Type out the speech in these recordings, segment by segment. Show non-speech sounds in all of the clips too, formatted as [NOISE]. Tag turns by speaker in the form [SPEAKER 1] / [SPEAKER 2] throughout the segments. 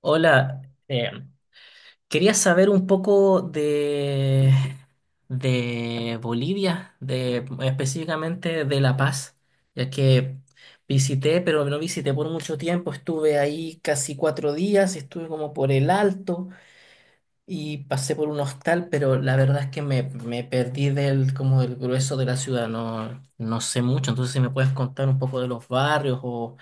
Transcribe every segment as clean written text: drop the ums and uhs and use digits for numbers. [SPEAKER 1] Hola, eh, quería saber un poco de Bolivia, de, específicamente de La Paz, ya que visité, pero no visité por mucho tiempo, estuve ahí casi cuatro días, estuve como por el Alto y pasé por un hostal, pero la verdad es que me perdí del, como del grueso de la ciudad, no sé mucho, entonces si me puedes contar un poco de los barrios o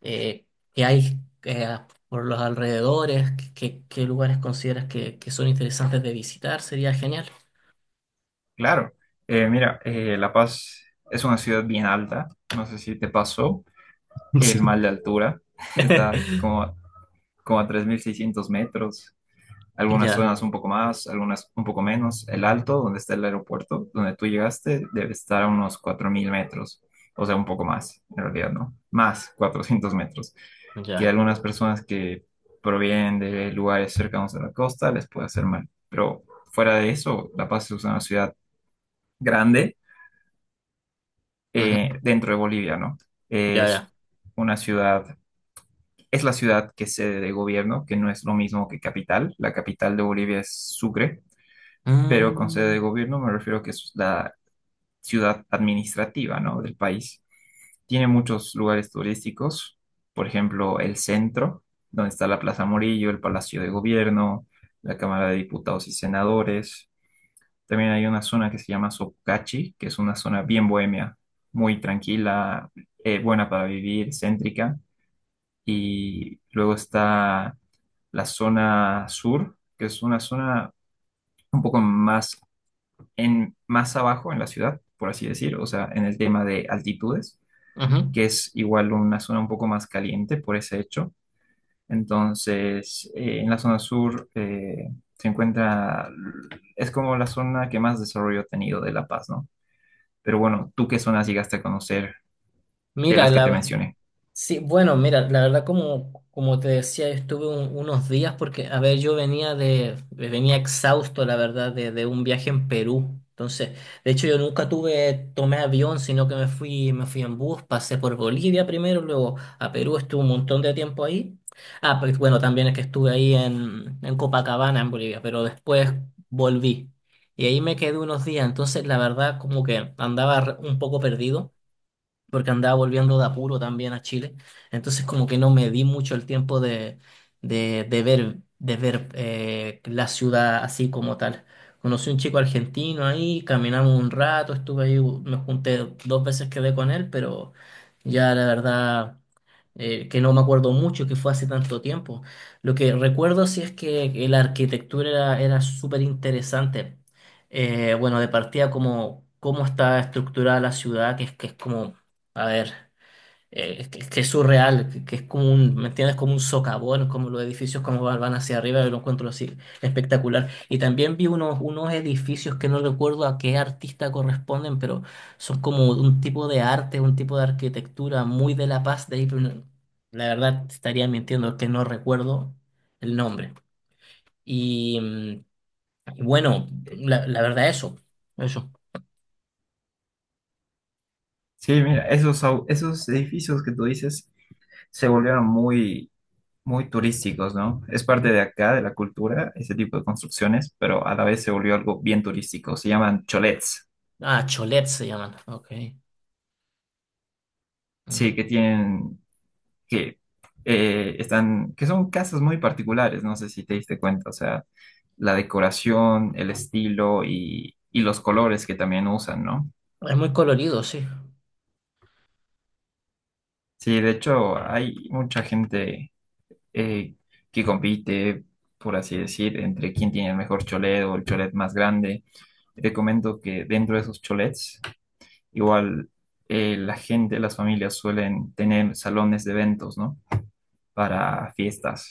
[SPEAKER 1] eh, que hay eh, por los alrededores, qué lugares consideras que son interesantes de visitar, sería genial.
[SPEAKER 2] Claro. Mira, La Paz es una ciudad bien alta, no sé si te pasó
[SPEAKER 1] [LAUGHS] Sí.
[SPEAKER 2] el mal de altura. [LAUGHS] Está
[SPEAKER 1] [LAUGHS]
[SPEAKER 2] como, como a 3.600 metros, algunas
[SPEAKER 1] Ya,
[SPEAKER 2] zonas un poco más, algunas un poco menos. El Alto, donde está el aeropuerto, donde tú llegaste, debe estar a unos 4.000 metros, o sea, un poco más, en realidad, ¿no? Más 400 metros, que
[SPEAKER 1] ya.
[SPEAKER 2] algunas personas que provienen de lugares cercanos a la costa les puede hacer mal, pero fuera de eso, La Paz es una ciudad grande,
[SPEAKER 1] Ujú.
[SPEAKER 2] dentro de Bolivia, ¿no?
[SPEAKER 1] Ya,
[SPEAKER 2] Es
[SPEAKER 1] ya.
[SPEAKER 2] una ciudad, es la ciudad que es sede de gobierno, que no es lo mismo que capital. La capital de Bolivia es Sucre, pero con sede
[SPEAKER 1] Mm.
[SPEAKER 2] de gobierno me refiero a que es la ciudad administrativa, ¿no?, del país. Tiene muchos lugares turísticos, por ejemplo, el centro, donde está la Plaza Morillo, el Palacio de Gobierno, la Cámara de Diputados y Senadores. También hay una zona que se llama Sokachi, que es una zona bien bohemia, muy tranquila, buena para vivir, céntrica. Y luego está la zona sur, que es una zona un poco más, más abajo en la ciudad, por así decir, o sea, en el tema de altitudes,
[SPEAKER 1] Ujú.
[SPEAKER 2] que es igual una zona un poco más caliente por ese hecho. Entonces, en la zona sur se encuentra, es como la zona que más desarrollo ha tenido de La Paz, ¿no? Pero bueno, ¿tú qué zonas llegaste a conocer de
[SPEAKER 1] Mira,
[SPEAKER 2] las que te
[SPEAKER 1] la...
[SPEAKER 2] mencioné?
[SPEAKER 1] Sí, bueno, mira, la verdad como, como te decía, yo estuve unos días porque, a ver, yo venía venía exhausto, la verdad, de un viaje en Perú. Entonces, de hecho, yo nunca tuve, tomé avión, sino que me fui en bus, pasé por Bolivia primero, luego a Perú, estuve un montón de tiempo ahí. Ah, pero bueno, también es que estuve ahí en Copacabana, en Bolivia, pero después volví. Y ahí me quedé unos días, entonces la verdad como que andaba un poco perdido porque andaba volviendo de apuro también a Chile. Entonces como que no me di mucho el tiempo de ver la ciudad así como tal. Conocí un chico argentino ahí, caminamos un rato, estuve ahí, me junté dos veces, quedé con él, pero ya la verdad que no me acuerdo mucho, que fue hace tanto tiempo. Lo que recuerdo sí es que la arquitectura era súper interesante. Bueno, de partida como cómo está estructurada la ciudad, que es como, a ver. Es que es surreal, que es como un, ¿me entiendes? Como un socavón, como los edificios como van hacia arriba, yo lo encuentro así espectacular. Y también vi unos edificios que no recuerdo a qué artista corresponden, pero son como un tipo de arte, un tipo de arquitectura muy de La Paz de ahí, la verdad te estaría mintiendo que no recuerdo el nombre. Y mm, y bueno, la verdad eso, eso.
[SPEAKER 2] Sí, mira, esos edificios que tú dices se volvieron muy, muy turísticos, ¿no? Es parte de acá, de la cultura, ese tipo de construcciones, pero a la vez se volvió algo bien turístico. Se llaman cholets,
[SPEAKER 1] Ah, Cholet se llaman, ok.
[SPEAKER 2] sí,
[SPEAKER 1] Ujú.
[SPEAKER 2] que tienen, que están, que son casas muy particulares, no sé si te diste cuenta, o sea, la decoración, el estilo y los colores que también usan, ¿no?
[SPEAKER 1] Es muy colorido, sí.
[SPEAKER 2] Sí, de hecho, hay mucha gente eh, que compite, por así decir, entre quién tiene el mejor cholet o el cholet más grande. Te comento que dentro de esos cholets, igual, la gente, las familias suelen tener salones de eventos, ¿no? Para fiestas.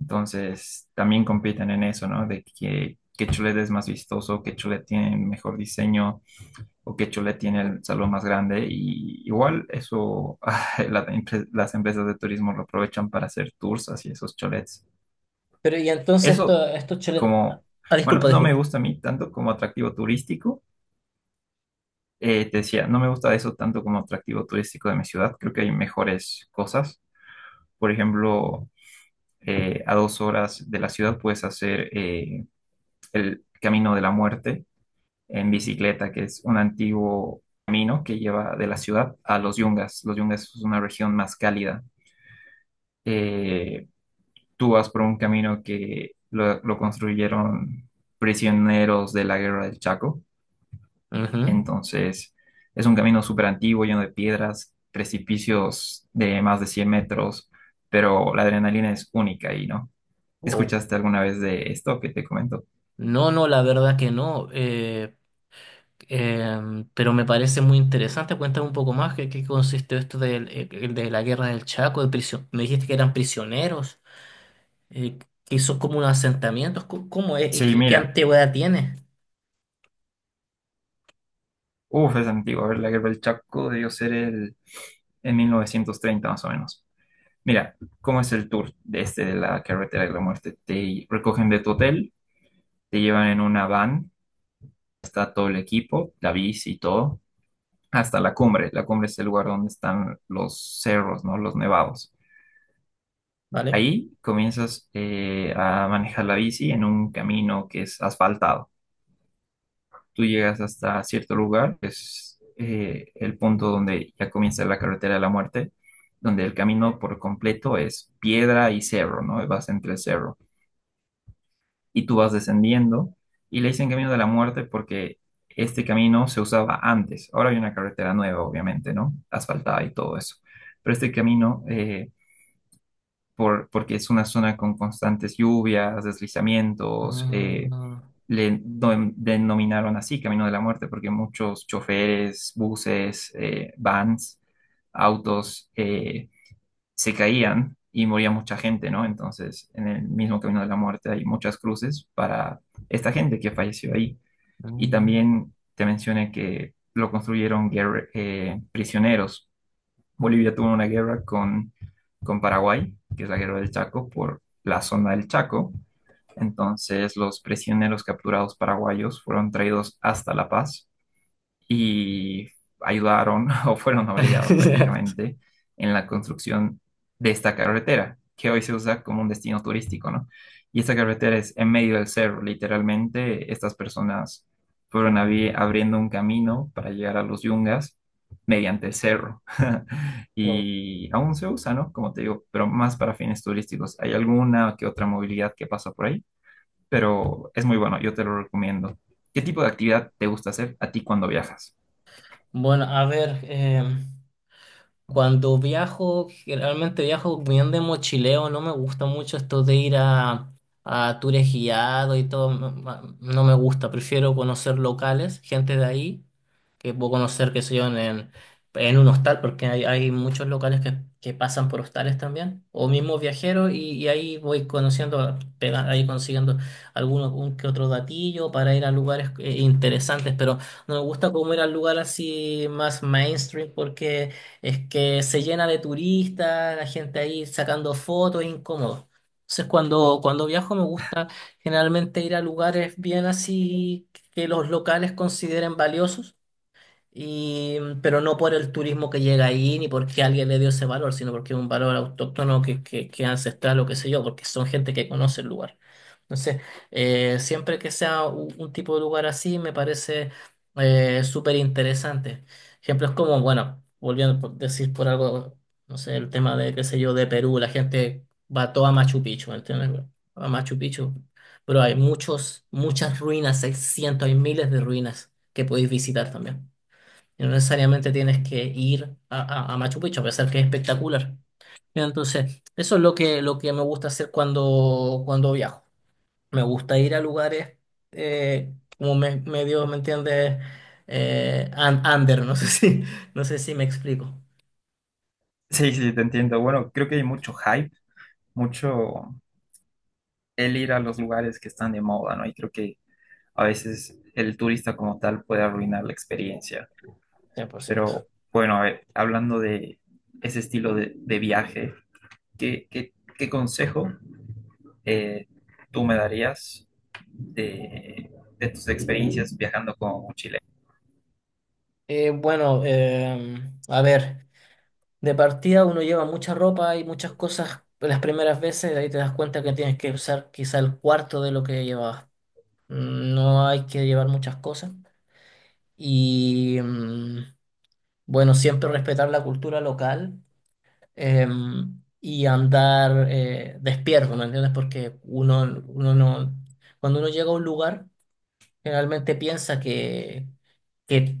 [SPEAKER 2] Entonces, también compiten en eso, ¿no? De que, qué cholet es más vistoso, qué cholet tiene mejor diseño o qué cholet tiene el salón más grande. Y igual eso, [LAUGHS] la- las empresas de turismo lo aprovechan para hacer tours hacia esos cholets.
[SPEAKER 1] Pero y entonces
[SPEAKER 2] Eso
[SPEAKER 1] esto, estos chole-
[SPEAKER 2] como,
[SPEAKER 1] Ah,
[SPEAKER 2] bueno,
[SPEAKER 1] disculpa,
[SPEAKER 2] no me
[SPEAKER 1] disculpa.
[SPEAKER 2] gusta a mí tanto como atractivo turístico. Te decía, no me gusta eso tanto como atractivo turístico de mi ciudad. Creo que hay mejores cosas. Por ejemplo, a 2 horas de la ciudad puedes hacer el Camino de la Muerte en bicicleta, que es un antiguo camino que lleva de la ciudad a los Yungas. Los Yungas es una región más cálida. Eh, Tú vas por un camino que lo construyeron prisioneros de la guerra del Chaco.
[SPEAKER 1] Ujú.
[SPEAKER 2] Entonces, es un camino súper antiguo, lleno de piedras, precipicios de más de 100 metros, pero la adrenalina es única ahí, ¿no?
[SPEAKER 1] Wow.
[SPEAKER 2] ¿Escuchaste alguna vez de esto que te comento?
[SPEAKER 1] No, no, la verdad que no. Pero me parece muy interesante. Cuéntame un poco más qué consiste esto del, de la guerra del Chaco, de prisión. Me dijiste que eran prisioneros, eh, que son como unos asentamientos. ¿Cómo, cómo es? ¿Y
[SPEAKER 2] Sí,
[SPEAKER 1] ¿Qué, qué
[SPEAKER 2] mira,
[SPEAKER 1] antigüedad tiene?
[SPEAKER 2] uff, es antiguo. A ver, la guerra del Chaco debió ser el, en 1930 más o menos. Mira, ¿cómo es el tour de este de la carretera de la muerte? Te recogen de tu hotel, te llevan en una van, está todo el equipo, la bici y todo hasta la cumbre. La cumbre es el lugar donde están los cerros, ¿no? Los nevados.
[SPEAKER 1] ¿Vale?
[SPEAKER 2] Ahí comienzas a manejar la bici en un camino que es asfaltado. Tú llegas hasta cierto lugar, que es el punto donde ya comienza la carretera de la muerte, donde el camino por completo es piedra y cerro, ¿no? Vas entre el cerro, y tú vas descendiendo y le dicen camino de la muerte porque este camino se usaba antes. Ahora hay una carretera nueva, obviamente, ¿no? Asfaltada y todo eso. Pero este camino, por, porque es una zona con constantes lluvias, deslizamientos,
[SPEAKER 1] Ah,
[SPEAKER 2] denominaron así Camino de la Muerte porque muchos choferes, buses, vans, autos, se caían y moría mucha gente, ¿no? Entonces, en el mismo camino de la muerte hay muchas cruces para esta gente que falleció ahí. Y
[SPEAKER 1] mm.
[SPEAKER 2] también te mencioné que lo construyeron prisioneros. Bolivia tuvo una guerra con Paraguay, que es la guerra del Chaco, por la zona del Chaco. Entonces, los prisioneros capturados paraguayos fueron traídos hasta La Paz y ayudaron, [LAUGHS] o fueron obligados
[SPEAKER 1] [LAUGHS]
[SPEAKER 2] prácticamente, en la construcción de esta carretera, que hoy se usa como un destino turístico, ¿no? Y esta carretera es en medio del cerro, literalmente estas personas fueron abriendo un camino para llegar a los Yungas mediante el cerro. [LAUGHS]
[SPEAKER 1] Wow.
[SPEAKER 2] Y aún se usa, ¿no? Como te digo, pero más para fines turísticos. Hay alguna que otra movilidad que pasa por ahí, pero es muy bueno, yo te lo recomiendo. ¿Qué tipo de actividad te gusta hacer a ti cuando viajas?
[SPEAKER 1] Bueno, a ver. Cuando viajo, generalmente viajo bien de mochileo, no me gusta mucho esto de ir a tours guiados y todo, no me gusta, prefiero conocer locales, gente de ahí, que puedo conocer, que sé yo, en un hostal, porque hay muchos locales que pasan por hostales también, o mismo viajeros, y ahí voy conociendo, ahí consiguiendo alguno un que otro datillo para ir a lugares interesantes, pero no me gusta como ir al lugar así más mainstream porque es que se llena de turistas, la gente ahí sacando fotos, es incómodo. Entonces, cuando viajo me gusta generalmente ir a lugares bien así que los locales consideren valiosos y, pero no por el turismo que llega ahí, ni porque alguien le dio ese valor, sino porque es un valor autóctono que es ancestral o qué sé yo, porque son gente que conoce el lugar. Entonces, siempre que sea tipo de lugar así, me parece súper interesante. Ejemplos como, bueno, volviendo a decir por algo, no sé, el tema de, qué sé yo, de Perú, la gente va toda a Machu Picchu, ¿entiendes? Bueno, a Machu Picchu. Pero hay muchos, muchas ruinas, hay cientos, hay miles de ruinas que podéis visitar también. Y no necesariamente tienes que ir a Machu Picchu, a pesar que es espectacular. Entonces, eso es lo que me gusta hacer cuando viajo. Me gusta ir a lugares, como me, medio, ¿me entiendes? Under, no sé [LAUGHS] si, no sé si me explico.
[SPEAKER 2] Sí, sí, te entiendo. Bueno, creo que hay mucho hype, mucho el ir a los lugares que están de moda, ¿no? Y creo que a veces el turista como tal puede arruinar la experiencia.
[SPEAKER 1] 100%.
[SPEAKER 2] Pero bueno, a ver, hablando de ese estilo de viaje, ¿qué consejo eh, tú me darías de, de tus experiencias viajando como mochilero?
[SPEAKER 1] Eh, bueno, eh, a ver, de partida uno lleva mucha ropa y muchas cosas las primeras veces, ahí te das cuenta que tienes que usar quizá el cuarto de lo que llevabas. Mm, no hay que llevar muchas cosas. y mm, bueno, siempre respetar la cultura local y andar despierto, ¿me entiendes? Porque uno, uno no, cuando uno llega a un lugar, generalmente piensa que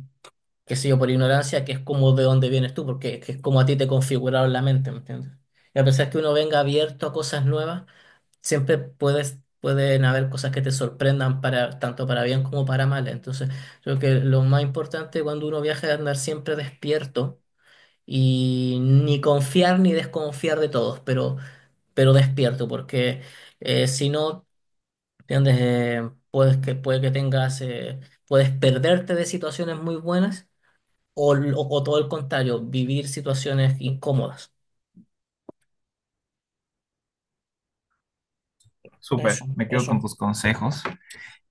[SPEAKER 1] qué sé yo, por ignorancia, que es como de dónde vienes tú, porque es que es como a ti te configuraron la mente, ¿me entiendes? Y a pesar que uno venga abierto a cosas nuevas, siempre puedes, pueden haber cosas que te sorprendan para, tanto para bien como para mal. Entonces, creo que lo más importante cuando uno viaja es andar siempre despierto y ni confiar ni desconfiar de todos, pero despierto, porque si no, ¿entiendes? Puede que tengas, puedes perderte de situaciones muy buenas o todo el contrario, vivir situaciones incómodas.
[SPEAKER 2] Súper,
[SPEAKER 1] Eso,
[SPEAKER 2] me quedo con
[SPEAKER 1] eso.
[SPEAKER 2] tus consejos.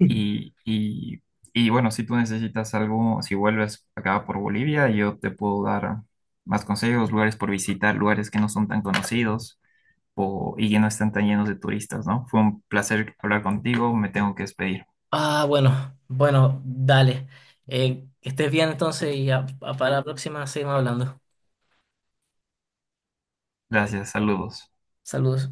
[SPEAKER 2] Y, y, y bueno, si tú necesitas algo, si vuelves acá por Bolivia, yo te puedo dar más consejos, lugares por visitar, lugares que no son tan conocidos o, y que no están tan llenos de turistas, ¿no? Fue un placer hablar contigo, me tengo que despedir.
[SPEAKER 1] Ah, bueno, bueno, dale. Que estés bien entonces y para la próxima seguimos hablando.
[SPEAKER 2] Gracias, saludos.
[SPEAKER 1] Saludos.